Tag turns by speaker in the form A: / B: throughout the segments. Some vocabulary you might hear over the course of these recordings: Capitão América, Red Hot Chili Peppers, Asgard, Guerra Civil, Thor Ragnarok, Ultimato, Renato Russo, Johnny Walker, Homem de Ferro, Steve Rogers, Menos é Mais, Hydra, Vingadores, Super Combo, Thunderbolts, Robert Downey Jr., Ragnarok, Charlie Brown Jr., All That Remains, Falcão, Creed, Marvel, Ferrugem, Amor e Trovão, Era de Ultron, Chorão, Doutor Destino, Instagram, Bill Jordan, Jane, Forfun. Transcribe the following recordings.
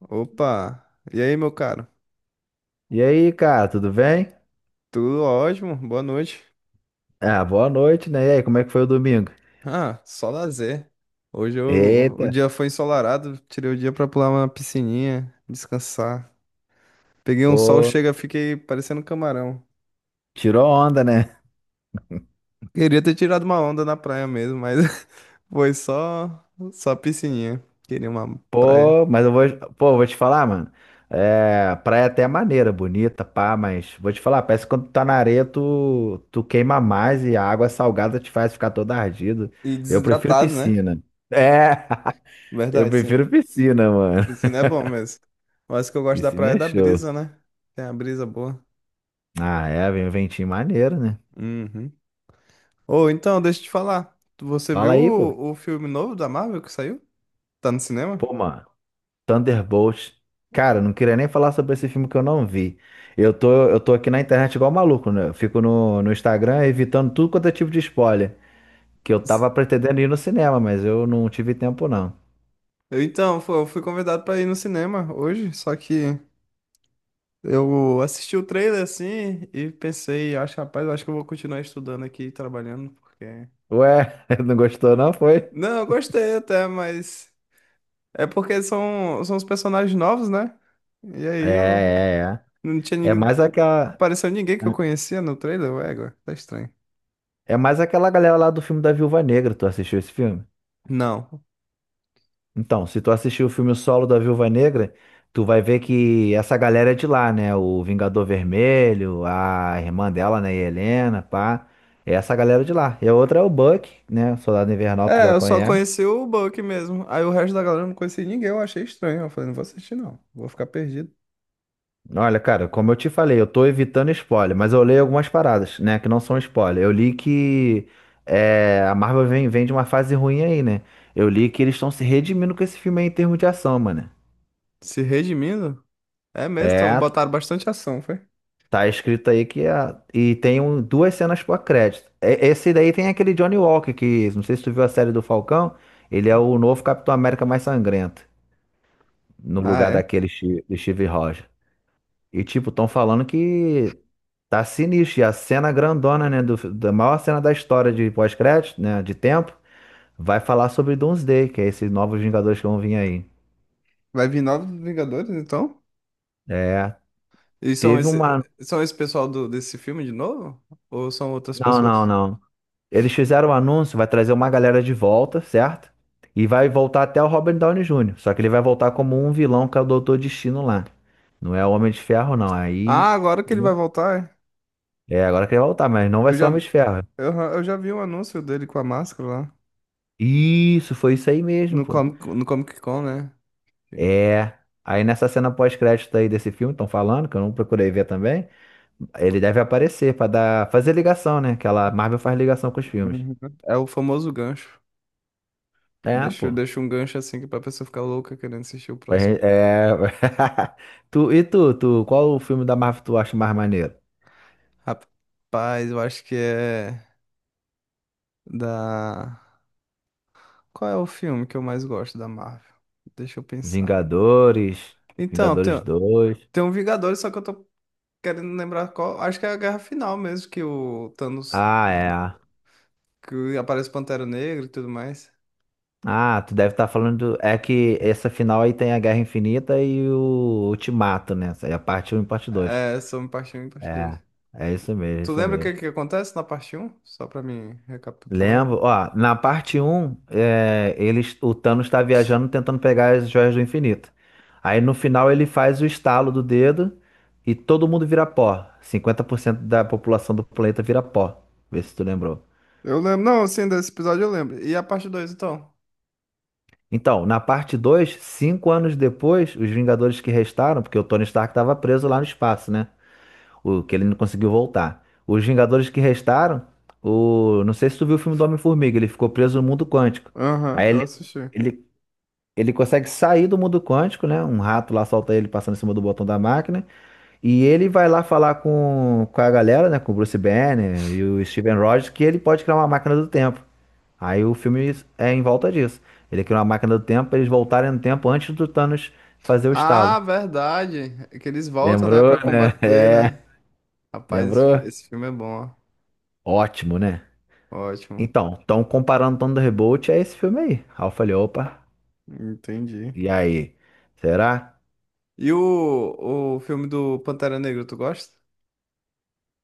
A: Opa! E aí, meu caro?
B: E aí, cara, tudo bem?
A: Tudo ótimo? Boa noite.
B: Ah, boa noite, né? E aí, como é que foi o domingo?
A: Ah, só lazer. O
B: Eita,
A: dia foi ensolarado, tirei o dia pra pular uma piscininha, descansar. Peguei um sol,
B: pô,
A: chega, fiquei parecendo um camarão.
B: tirou onda, né?
A: Queria ter tirado uma onda na praia mesmo, mas foi só piscininha. Queria uma praia.
B: Pô, mas pô, vou te falar, mano. É, praia até é maneira, bonita, pá, mas vou te falar, parece que quando tu tá na areia, tu queima mais e a água salgada te faz ficar todo ardido.
A: E
B: Eu prefiro
A: desidratado, né?
B: piscina. É, eu
A: Verdade, sim.
B: prefiro piscina, mano.
A: Piscina é bom mesmo. Mas o que eu gosto da
B: Piscina
A: praia é
B: é
A: da
B: show.
A: brisa, né? Tem a brisa boa.
B: Ah, é, vem um ventinho maneiro, né?
A: Uhum. Ou então, deixa eu te falar. Você
B: Fala
A: viu
B: aí, pô.
A: o filme novo da Marvel que saiu? Tá no cinema?
B: Pô, mano. Thunderbolts. Cara, não queria nem falar sobre esse filme que eu não vi. Eu tô aqui na internet igual um maluco, né? Eu fico no Instagram evitando tudo quanto é tipo de spoiler. Que eu tava pretendendo ir no cinema, mas eu não tive tempo, não.
A: Eu, então, fu- eu fui convidado pra ir no cinema hoje, só que eu assisti o trailer assim e pensei, acho, rapaz, eu acho que eu vou continuar estudando aqui, e trabalhando, porque.
B: Ué, não gostou, não? Foi?
A: Não, eu gostei até, mas é porque são os personagens novos, né? E
B: É,
A: aí eu
B: é,
A: não tinha
B: é. É
A: ninguém.
B: mais aquela,
A: Pareceu ninguém que eu conhecia no trailer, ué, agora tá estranho.
B: é mais aquela galera lá do filme da Viúva Negra. Tu assistiu esse filme?
A: Não.
B: Então, se tu assistir o filme solo da Viúva Negra, tu vai ver que essa galera é de lá, né? O Vingador Vermelho, a irmã dela, né? Helena, pá. É essa galera de lá. E a outra é o Buck, né? Soldado Invernal, tu
A: É,
B: já
A: eu só
B: conhece.
A: conheci o Buck mesmo. Aí o resto da galera eu não conhecia ninguém, eu achei estranho. Eu falei, não vou assistir não, vou ficar perdido.
B: Olha, cara, como eu te falei, eu tô evitando spoiler, mas eu leio algumas paradas, né, que não são spoiler. Eu li que a Marvel vem de uma fase ruim aí, né? Eu li que eles estão se redimindo com esse filme aí em termos de ação, mano.
A: Se redimindo? É mesmo, então
B: É,
A: botaram bastante ação, foi?
B: tá escrito aí que e tem duas cenas pós-crédito. Esse daí tem aquele Johnny Walker que, não sei se tu viu a série do Falcão, ele é o novo Capitão América mais sangrento, no
A: Ah,
B: lugar
A: é.
B: do Steve Rogers. E tipo, estão falando que tá sinistro, e a cena grandona, né, da maior cena da história de pós-crédito, né, de tempo, vai falar sobre Doomsday, que é esses novos Vingadores que vão vir aí.
A: Vai vir novos Vingadores, então?
B: É,
A: E
B: teve uma...
A: são esse pessoal desse filme de novo? Ou são outras
B: Não, não,
A: pessoas?
B: não. Eles fizeram o anúncio, vai trazer uma galera de volta, certo? E vai voltar até o Robert Downey Jr. Só que ele vai voltar como um vilão, que é o Doutor Destino lá. Não é o Homem de Ferro, não. Aí,
A: Ah, agora que ele
B: né?
A: vai voltar,
B: É, agora que ele vai voltar, mas não
A: é?
B: vai
A: Eu
B: ser
A: já,
B: o Homem de Ferro.
A: eu, eu já vi um anúncio dele com a máscara lá.
B: Isso, foi isso aí mesmo,
A: No
B: pô.
A: Comic, no Comic Con, né?
B: É. Aí nessa cena pós-crédito aí desse filme, estão falando, que eu não procurei ver também. Ele deve aparecer pra dar, fazer ligação, né? Que Marvel faz ligação com os filmes.
A: Uhum. É o famoso gancho.
B: É,
A: Deixa,
B: pô.
A: deixa um gancho assim que é pra pessoa ficar louca querendo assistir o
B: Pra
A: próximo.
B: gen- É... e tu, qual o filme da Marvel tu acha mais maneiro?
A: Rapaz, eu acho que é da. Qual é o filme que eu mais gosto da Marvel? Deixa eu pensar.
B: Vingadores,
A: Então,
B: Vingadores
A: tem,
B: dois.
A: tem um Vingadores, só que eu tô querendo lembrar qual. Acho que é a Guerra Final mesmo, que o Thanos.
B: Ah, é.
A: Que aparece Pantera Negra e tudo mais.
B: Ah, tu deve estar falando. É que essa final aí tem a Guerra Infinita e o Ultimato, né? Essa aí é a parte um e parte 2.
A: É, sobre parte um e parte 2.
B: É, é isso mesmo, é
A: Tu
B: isso
A: lembra o que,
B: mesmo.
A: que acontece na parte um? Só pra mim recapitular aqui.
B: Lembro, ó, na parte um eles, o Thanos está viajando tentando pegar as joias do infinito. Aí no final ele faz o estalo do dedo e todo mundo vira pó. 50% da população do planeta vira pó. Vê se tu lembrou.
A: Eu lembro, não, sim, desse episódio eu lembro. E a parte dois então?
B: Então, na parte dois 5 anos depois, os Vingadores que restaram, porque o Tony Stark estava preso lá no espaço, né? O que ele não conseguiu voltar. Os Vingadores que restaram, não sei se tu viu o filme do Homem-Formiga, ele ficou preso no mundo quântico.
A: Aham,
B: Aí
A: eu assisti.
B: ele Ele consegue sair do mundo quântico, né? Um rato lá solta ele passando em cima do botão da máquina. E ele vai lá falar com a galera, né? Com o Bruce Banner e o Steven Rogers, que ele pode criar uma máquina do tempo. Aí o filme é em volta disso. Ele cria uma máquina do tempo pra eles voltarem no tempo antes do Thanos fazer o estalo.
A: Ah, verdade. É que eles voltam, né,
B: Lembrou,
A: pra
B: né?
A: combater, né?
B: É,
A: Rapaz, esse fi-
B: lembrou?
A: esse filme é bom,
B: Ótimo, né?
A: ó. Ótimo.
B: Então, estão comparando Thunderbolt a esse filme aí. Aí eu falei, opa,
A: Entendi.
B: e aí? Será?
A: E o filme do Pantera Negra, tu gosta?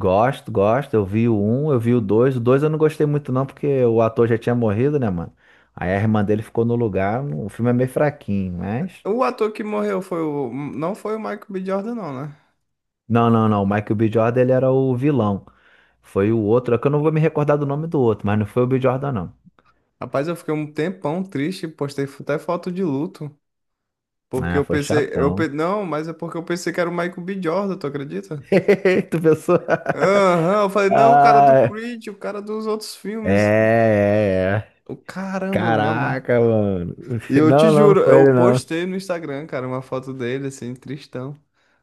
B: Gosto, gosto. Eu vi o um, eu vi o dois. O dois eu não gostei muito, não, porque o ator já tinha morrido, né, mano? Aí a irmã dele ficou no lugar. O filme é meio fraquinho, mas.
A: O ator que morreu foi o. Não foi o Michael B. Jordan, não, né?
B: Não, não, não. O Michael B. Jordan, ele era o vilão. Foi o outro. É que eu não vou me recordar do nome do outro, mas não foi o B. Jordan, não.
A: Rapaz, eu fiquei um tempão triste, postei até foto de luto. Porque
B: Ah,
A: eu
B: foi
A: pensei.
B: chatão.
A: Não, mas é porque eu pensei que era o Michael B. Jordan, tu acredita?
B: Tu pensou?
A: Aham, eu falei, não, o cara do
B: Ah,
A: Creed, o cara dos outros
B: é,
A: filmes.
B: é, é.
A: O caramba, eu me amarro.
B: Caraca, mano.
A: E eu te
B: Não, não, não
A: juro,
B: foi
A: eu
B: ele, não.
A: postei no Instagram, cara, uma foto dele, assim, tristão.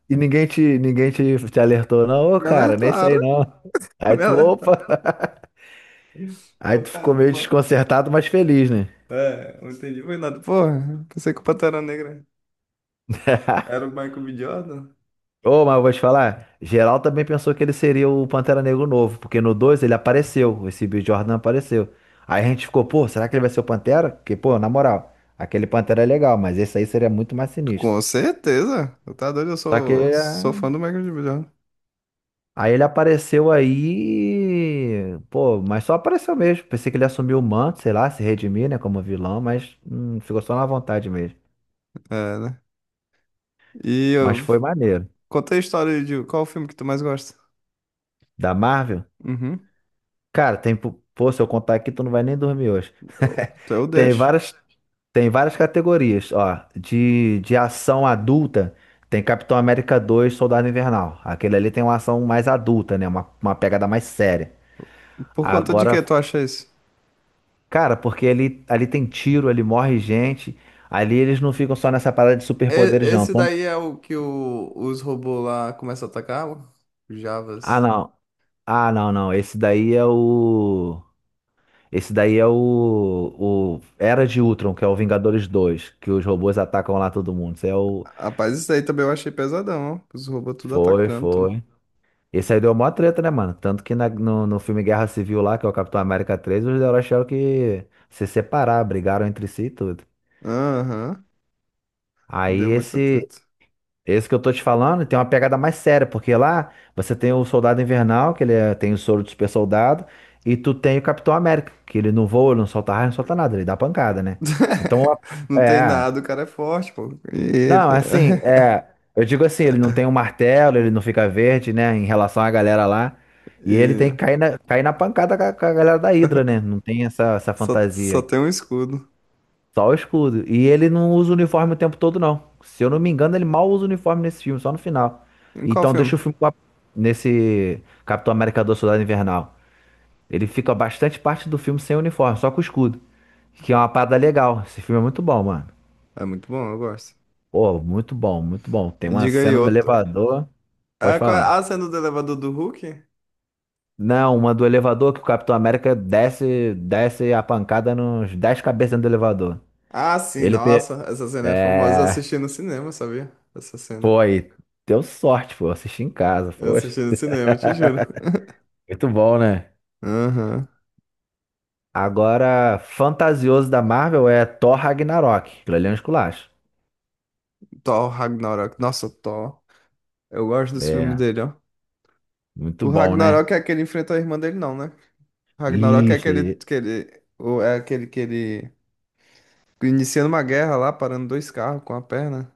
B: E ninguém te alertou, não, ô
A: Me
B: cara, nem isso aí
A: alertaram.
B: não. Aí tu,
A: Ela tá.
B: opa! Aí
A: Eu,
B: tu ficou
A: cara,
B: meio
A: uma...
B: desconcertado, mas feliz, né?
A: É, não entendi, foi nada. Porra, pensei que o Pantera Negra era o Michael B. Jordan.
B: Ô, mas eu vou te falar, geral também pensou que ele seria o Pantera Negro novo, porque no 2 ele apareceu, esse Bill Jordan apareceu. Aí a gente ficou, pô, será que ele vai ser o Pantera? Porque, pô, na moral, aquele Pantera é legal, mas esse aí seria muito mais sinistro.
A: Com certeza. Eu tá doido, eu
B: Só que
A: sou,
B: é,
A: sou fã do Michael B. Jordan.
B: Aí ele apareceu aí, pô, mas só apareceu mesmo. Pensei que ele assumiu o manto, sei lá, se redimir, né, como vilão, mas ficou só na vontade mesmo.
A: É, né? E
B: Mas
A: eu
B: foi maneiro.
A: contei a história de qual o filme que tu mais gosta.
B: Da Marvel?
A: Uhum.
B: Cara, tem, pô, se eu contar aqui, tu não vai nem dormir hoje.
A: Eu
B: Tem
A: deixo.
B: várias, tem várias categorias, ó, de ação adulta. Tem Capitão América 2, Soldado Invernal. Aquele ali tem uma ação mais adulta, né, uma pegada mais séria.
A: Por conta de
B: Agora,
A: que tu acha isso?
B: cara, porque ali tem tiro, ali morre gente. Ali eles não ficam só nessa parada de superpoderes, não.
A: Esse daí é o que os robôs lá começam a atacar, ó? Os
B: Ah,
A: Javas.
B: não. Ah, não, não. Esse daí é o Era de Ultron, que é o Vingadores 2, que os robôs atacam lá todo mundo. Esse é o.
A: Rapaz, isso daí também eu achei pesadão, ó. Os robôs tudo
B: Foi,
A: atacando, tudo.
B: foi. Esse aí deu mó treta, né, mano? Tanto que no filme Guerra Civil lá, que é o Capitão América 3, os heróis tiveram que se separar, brigaram entre si e tudo.
A: Aham.
B: Aí
A: Deu muita
B: esse,
A: treta.
B: Esse que eu tô te falando tem uma pegada mais séria, porque lá você tem o Soldado Invernal, que ele tem o soro do super soldado, e tu tem o Capitão América, que ele não voa, ele não solta raio, não solta nada, ele dá pancada, né? Então,
A: Não tem
B: é.
A: nada, o cara é forte, pô. E ele...
B: Não, é assim, é. Eu digo assim, ele não tem um martelo, ele não fica verde, né, em relação à galera lá. E ele
A: e
B: tem que cair na pancada com a galera da Hydra, né? Não tem essa
A: só
B: fantasia.
A: tem um escudo.
B: Só o escudo. E ele não usa o uniforme o tempo todo, não. Se eu não me engano, ele mal usa o uniforme nesse filme, só no final.
A: Em qual
B: Então
A: filme?
B: deixa o filme nesse Capitão América do Soldado Invernal. Ele fica bastante parte do filme sem uniforme, só com o escudo. Que é uma parada legal. Esse filme é muito bom, mano.
A: É muito bom, eu gosto.
B: Pô, muito bom, muito bom. Tem uma
A: Diga aí
B: cena no
A: outro.
B: elevador. Pode
A: Ah, qual é
B: falar.
A: a cena do elevador do Hulk?
B: Não, uma do elevador que o Capitão América desce, desce a pancada nos 10 cabeças dentro do elevador.
A: Ah, sim,
B: Ele, pe-
A: nossa, essa cena é famosa. Eu
B: é,
A: assisti no cinema, sabia? Essa cena.
B: Pô, aí, deu sorte, pô, assisti em casa,
A: Eu
B: poxa.
A: assisti no cinema, te juro.
B: Muito bom, né?
A: Aham.
B: Agora, fantasioso da Marvel é Thor Ragnarok. Aquilo ali é um esculacho.
A: Thor Ragnarok. Nossa, Thor. Eu gosto dos filmes
B: É,
A: dele, ó.
B: muito
A: O
B: bom, né?
A: Ragnarok é aquele que ele enfrenta a irmã dele, não, né? Ragnarok é
B: Isso.
A: é aquele que ele iniciando uma guerra lá, parando dois carros com a perna.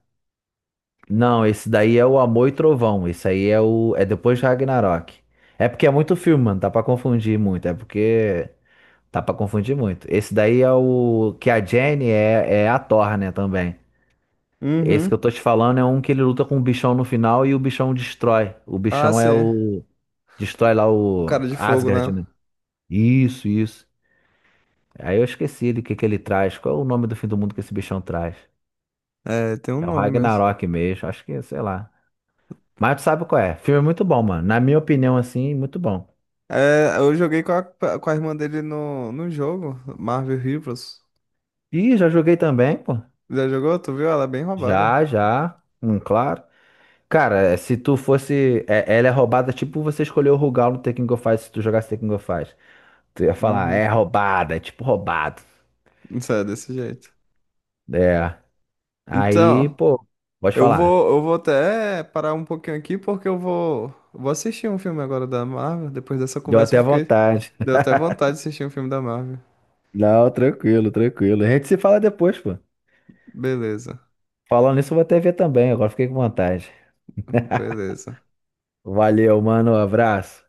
B: Não, esse daí é o Amor e Trovão. Esse aí é o é depois de Ragnarok. É porque é muito filme, mano. Tá pra confundir muito. É porque tá pra confundir muito. Esse daí é o que a Jane é, a Thor, né, também. Esse que eu
A: Uhum.
B: tô te falando é um que ele luta com o bichão no final e o bichão destrói. O
A: Ah,
B: bichão é
A: sim.
B: o. Destrói lá
A: O
B: o
A: cara de fogo,
B: Asgard,
A: né?
B: né? Isso, isso. Aí eu esqueci do que ele traz. Qual é o nome do fim do mundo que esse bichão traz?
A: É, tem um
B: É o
A: nome mesmo.
B: Ragnarok mesmo. Acho que, sei lá. Mas tu sabe qual é. Filme muito bom, mano. Na minha opinião, assim, muito bom.
A: É, eu joguei com com a irmã dele no jogo, Marvel Rivals.
B: Ih, já joguei também, pô.
A: Já jogou? Tu viu? Ela é bem roubada.
B: Já, já. Claro. Cara, se tu fosse. Ela é roubada, tipo você escolheu o Rugal no Tekken Go Fight se tu jogasse Tekken Go Fight. Tu ia falar,
A: Uhum.
B: é roubada, é tipo roubado.
A: Isso é desse jeito.
B: É. Aí,
A: Então,
B: pô, pode
A: eu
B: falar.
A: vou, eu vou até parar um pouquinho aqui porque vou assistir um filme agora da Marvel. Depois dessa
B: Deu
A: conversa, eu
B: até
A: fiquei.
B: vontade.
A: Deu até vontade de assistir um filme da Marvel.
B: Não, tranquilo, tranquilo. A gente se fala depois, pô.
A: Beleza,
B: Falando nisso, eu vou até ver também. Agora fiquei com vontade.
A: beleza.
B: Valeu, mano. Abraço.